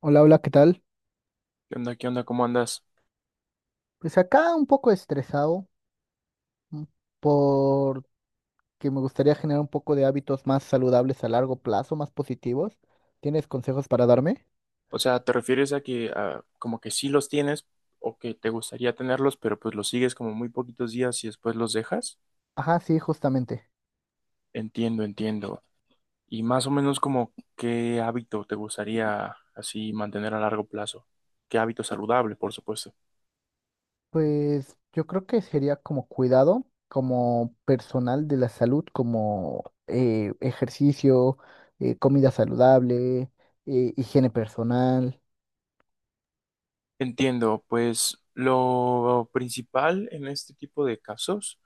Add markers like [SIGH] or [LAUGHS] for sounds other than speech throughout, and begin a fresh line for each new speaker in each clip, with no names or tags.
Hola, hola, ¿qué tal?
¿Qué onda? ¿Qué onda? ¿Cómo andas?
Pues acá un poco estresado, mm, porque me gustaría generar un poco de hábitos más saludables a largo plazo, más positivos. ¿Tienes consejos para darme?
O sea, ¿te refieres a que a, como que sí los tienes o que te gustaría tenerlos, pero pues los sigues como muy poquitos días y después los dejas?
Ajá, sí, justamente.
Entiendo, entiendo. Y más o menos como qué hábito te gustaría así mantener a largo plazo. ¿Qué hábito saludable, por supuesto?
Pues yo creo que sería como cuidado, como personal de la salud, como ejercicio, comida saludable, higiene personal.
Entiendo, pues lo principal en este tipo de casos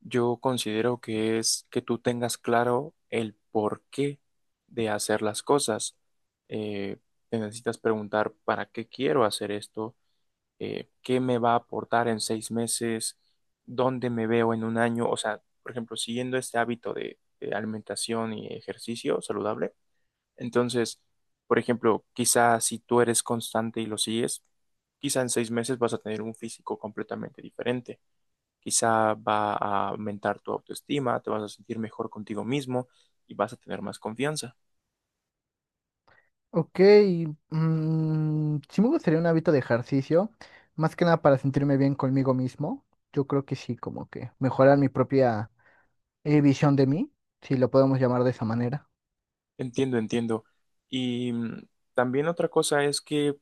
yo considero que es que tú tengas claro el porqué de hacer las cosas. Eh, Te necesitas preguntar para qué quiero hacer esto, qué me va a aportar en 6 meses, dónde me veo en un año. O sea, por ejemplo, siguiendo este hábito de alimentación y ejercicio saludable. Entonces, por ejemplo, quizá si tú eres constante y lo sigues, quizá en 6 meses vas a tener un físico completamente diferente. Quizá va a aumentar tu autoestima, te vas a sentir mejor contigo mismo y vas a tener más confianza.
Ok, mm, sí me gustaría un hábito de ejercicio, más que nada para sentirme bien conmigo mismo. Yo creo que sí, como que mejorar mi propia visión de mí, si lo podemos llamar de esa manera.
Entiendo, entiendo. Y también otra cosa es que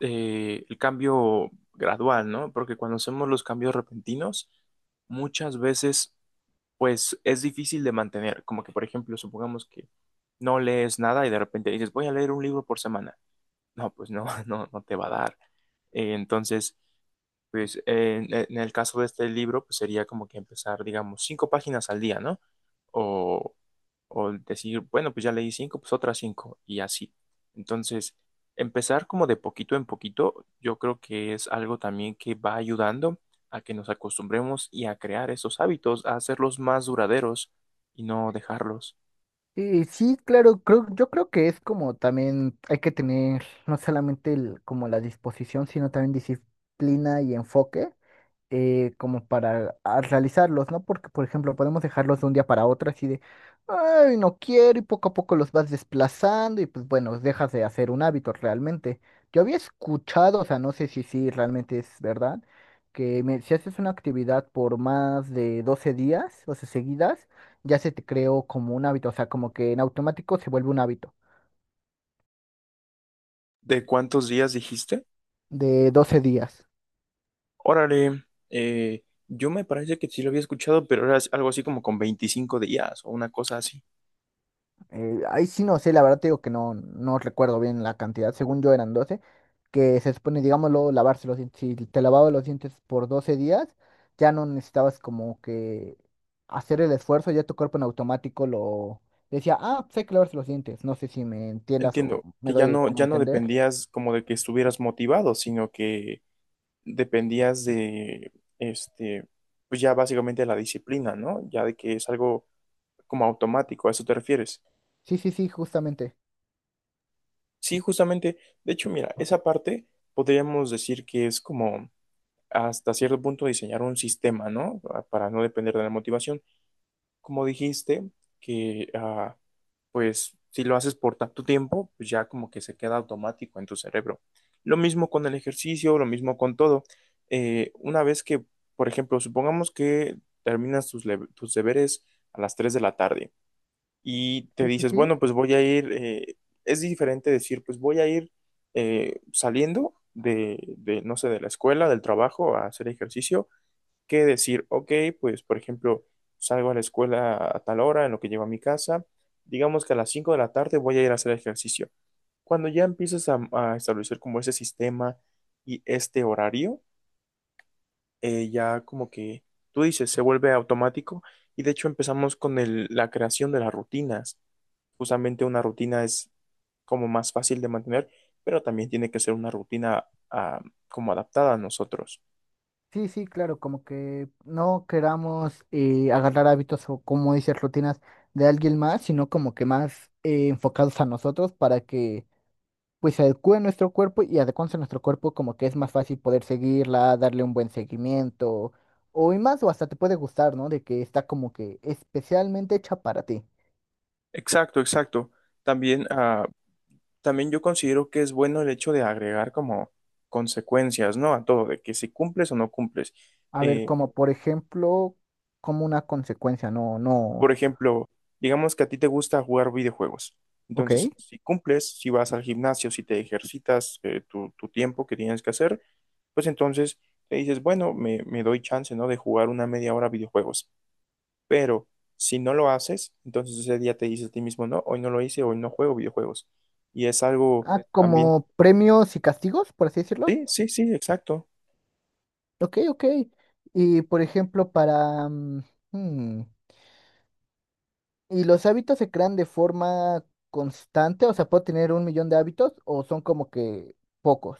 el cambio gradual, ¿no? Porque cuando hacemos los cambios repentinos, muchas veces, pues es difícil de mantener. Como que, por ejemplo, supongamos que no lees nada y de repente dices, voy a leer un libro por semana. No, pues no, [LAUGHS] no te va a dar. Entonces, pues en el caso de este libro, pues sería como que empezar, digamos, 5 páginas al día, ¿no? O, o decir, bueno, pues ya leí cinco, pues otras cinco, y así. Entonces, empezar como de poquito en poquito, yo creo que es algo también que va ayudando a que nos acostumbremos y a crear esos hábitos, a hacerlos más duraderos y no dejarlos.
Y sí, claro, creo, yo creo que es como también hay que tener no solamente como la disposición, sino también disciplina y enfoque, como para realizarlos, ¿no? Porque, por ejemplo, podemos dejarlos de un día para otro así de, ay, no quiero, y poco a poco los vas desplazando y pues bueno, dejas de hacer un hábito realmente. Yo había escuchado, o sea, no sé si sí realmente es verdad, que si haces una actividad por más de 12 días, o sea, seguidas, ya se te creó como un hábito, o sea, como que en automático se vuelve un hábito
¿De cuántos días dijiste?
de 12 días.
Órale, yo me parece que sí lo había escuchado, pero era algo así como con 25 días o una cosa así.
Ahí sí no sé, la verdad te digo que no recuerdo bien la cantidad, según yo eran doce, que se supone, digámoslo, lavarse los dientes. Si te lavabas los dientes por 12 días, ya no necesitabas como que hacer el esfuerzo, ya tu cuerpo en automático lo decía, ah, pues hay que lavarse los dientes. No sé si me entiendas o
Entiendo
me
que ya
doy
no,
como a
ya no
entender.
dependías como de que estuvieras motivado, sino que dependías de, este, pues ya básicamente la disciplina, ¿no? Ya de que es algo como automático, ¿a eso te refieres?
Sí, sí, sí, justamente.
Sí, justamente, de hecho, mira, esa parte podríamos decir que es como hasta cierto punto diseñar un sistema, ¿no? Para no depender de la motivación, como dijiste, que pues si lo haces por tanto tiempo, pues ya como que se queda automático en tu cerebro. Lo mismo con el ejercicio, lo mismo con todo. Una vez que, por ejemplo, supongamos que terminas tus, tus deberes a las 3 de la tarde y te
Sí, sí,
dices,
sí.
bueno, pues voy a ir, es diferente decir, pues voy a ir saliendo de, no sé, de la escuela, del trabajo, a hacer ejercicio que decir, ok, pues por ejemplo, salgo a la escuela a tal hora, en lo que llego a mi casa, digamos que a las 5 de la tarde voy a ir a hacer ejercicio. Cuando ya empiezas a establecer como ese sistema y este horario, ya como que tú dices, se vuelve automático y de hecho empezamos con la creación de las rutinas. Justamente una rutina es como más fácil de mantener, pero también tiene que ser una rutina como adaptada a nosotros.
Sí, sí, claro, como que no queramos agarrar hábitos o como dices, rutinas de alguien más, sino como que más enfocados a nosotros, para que pues se adecue nuestro cuerpo, y adecuándose a nuestro cuerpo como que es más fácil poder seguirla, darle un buen seguimiento o y más o hasta te puede gustar, ¿no? De que está como que especialmente hecha para ti.
Exacto, exacto. También ah, También yo considero que es bueno el hecho de agregar como consecuencias, ¿no? A todo, de que si cumples o no cumples.
A ver,
Eh,
como por ejemplo, como una consecuencia, no,
por
no,
ejemplo, digamos que a ti te gusta jugar videojuegos.
ok.
Entonces, si cumples, si vas al gimnasio, si te ejercitas tu tiempo que tienes que hacer, pues entonces te dices, bueno, me doy chance, ¿no? De jugar una media hora videojuegos. Pero si no lo haces, entonces ese día te dices a ti mismo, no, hoy no lo hice, hoy no juego videojuegos. Y es algo
Ah,
también,
como premios y castigos, por así decirlo.
sí, sí, sí, exacto.
Ok, ok. Y por ejemplo, para... hmm, ¿y los hábitos se crean de forma constante? O sea, ¿puedo tener un millón de hábitos o son como que pocos?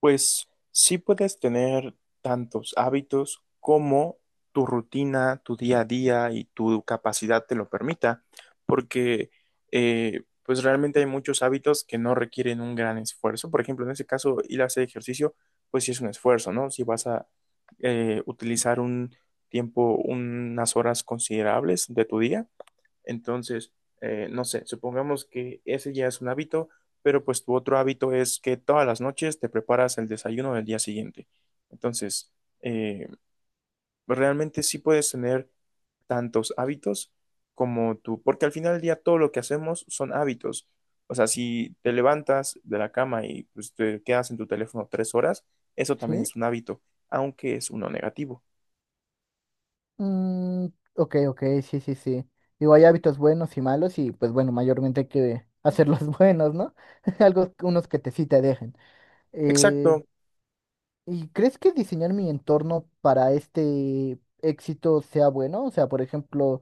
Pues sí puedes tener tantos hábitos como tu rutina, tu día a día y tu capacidad te lo permita, porque pues realmente hay muchos hábitos que no requieren un gran esfuerzo. Por ejemplo, en ese caso, ir a hacer ejercicio, pues sí es un esfuerzo, ¿no? Si vas a utilizar un tiempo, unas horas considerables de tu día, entonces, no sé, supongamos que ese ya es un hábito, pero pues tu otro hábito es que todas las noches te preparas el desayuno del día siguiente. Entonces, eh, realmente sí puedes tener tantos hábitos como tú, porque al final del día todo lo que hacemos son hábitos. O sea, si te levantas de la cama y pues, te quedas en tu teléfono 3 horas, eso también
¿Sí?
es un hábito, aunque es uno negativo.
Mm, ok, ok, sí, sí, sí. Digo, hay hábitos buenos y malos y pues bueno, mayormente hay que hacerlos [LAUGHS] buenos, ¿no? [LAUGHS] Algo, unos que te sí te dejen. Eh,
Exacto.
¿Y crees que diseñar mi entorno para este éxito sea bueno? O sea, por ejemplo...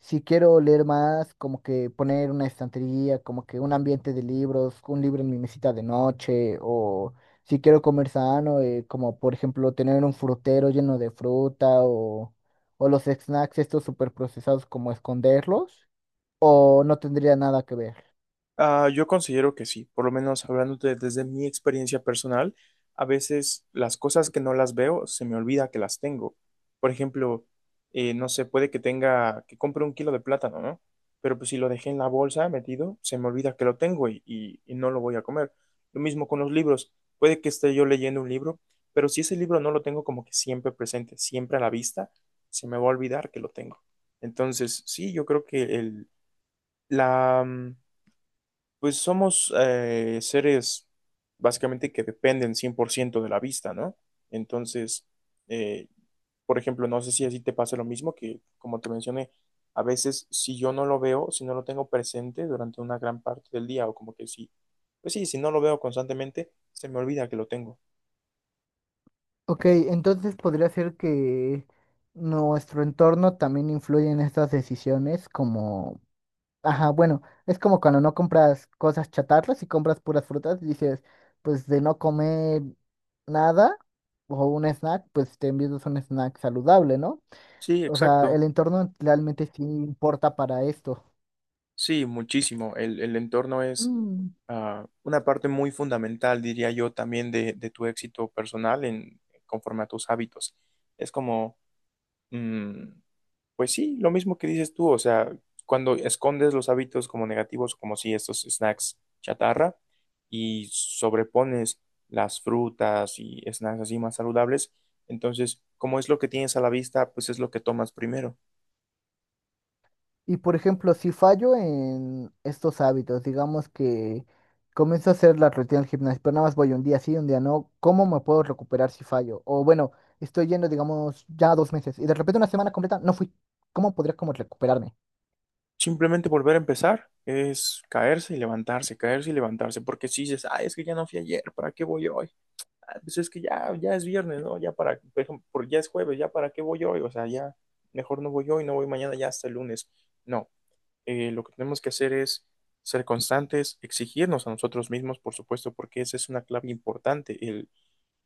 Si quiero leer más, como que poner una estantería, como que un ambiente de libros, un libro en mi mesita de noche, o si quiero comer sano, como por ejemplo tener un frutero lleno de fruta, o los snacks estos super procesados, como esconderlos, o no tendría nada que ver.
Yo considero que sí, por lo menos hablando desde mi experiencia personal, a veces las cosas que no las veo se me olvida que las tengo. Por ejemplo, no sé, puede que tenga, que compre un kilo de plátano, ¿no? Pero pues si lo dejé en la bolsa metido, se me olvida que lo tengo y no lo voy a comer. Lo mismo con los libros, puede que esté yo leyendo un libro, pero si ese libro no lo tengo como que siempre presente, siempre a la vista, se me va a olvidar que lo tengo. Entonces, sí, yo creo que la, pues somos seres básicamente que dependen 100% de la vista, ¿no? Entonces, eh, por ejemplo, no sé si así te pasa lo mismo, que como te mencioné, a veces si yo no lo veo, si no lo tengo presente durante una gran parte del día, o como que sí, pues sí, si no lo veo constantemente, se me olvida que lo tengo.
Ok, entonces podría ser que nuestro entorno también influye en estas decisiones, como... Ajá, bueno, es como cuando no compras cosas chatarras y compras puras frutas y dices, pues de no comer nada o un snack, pues te envías un snack saludable, ¿no?
Sí,
O sea, el
exacto.
entorno realmente sí importa para esto.
Sí, muchísimo. El entorno es
Mm.
una parte muy fundamental, diría yo, también de tu éxito personal en, conforme a tus hábitos. Es como Mm, Pues sí, lo mismo que dices tú, o sea, cuando escondes los hábitos como negativos, como si estos snacks chatarra, y sobrepones las frutas y snacks así más saludables, entonces, como es lo que tienes a la vista, pues es lo que tomas primero.
Y por ejemplo, si fallo en estos hábitos, digamos que comienzo a hacer la rutina del gimnasio, pero nada más voy un día sí, un día no, ¿cómo me puedo recuperar si fallo? O bueno, estoy yendo, digamos, ya 2 meses y de repente una semana completa no fui. ¿Cómo podría como recuperarme?
Simplemente volver a empezar es caerse y levantarse, porque si dices, ah, es que ya no fui ayer, ¿para qué voy hoy? Ah, pues es que ya es viernes, ¿no? Ya para, por ejemplo, ya es jueves, ya para qué voy hoy, o sea, ya mejor no voy hoy, no voy mañana, ya hasta el lunes. No, lo que tenemos que hacer es ser constantes, exigirnos a nosotros mismos, por supuesto, porque esa es una clave importante, el,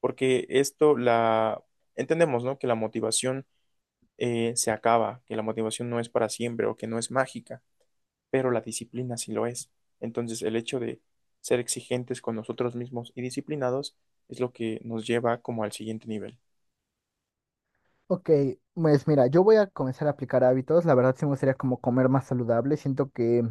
porque esto la, entendemos, ¿no? Que la motivación se acaba, que la motivación no es para siempre o que no es mágica, pero la disciplina sí lo es. Entonces, el hecho de ser exigentes con nosotros mismos y disciplinados es lo que nos lleva como al siguiente nivel.
Ok, pues mira, yo voy a comenzar a aplicar hábitos. La verdad sí me gustaría como comer más saludable. Siento que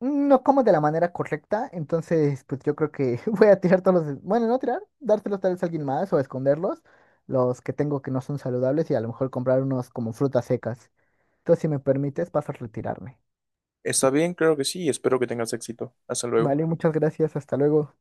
no como de la manera correcta. Entonces, pues yo creo que [LAUGHS] voy a tirar todos los... Bueno, no tirar, dárselos tal vez a alguien más o esconderlos. Los que tengo que no son saludables y a lo mejor comprar unos como frutas secas. Entonces, si me permites, paso a retirarme.
¿Está bien? Creo que sí. Espero que tengas éxito. Hasta luego.
Vale, muchas gracias. Hasta luego.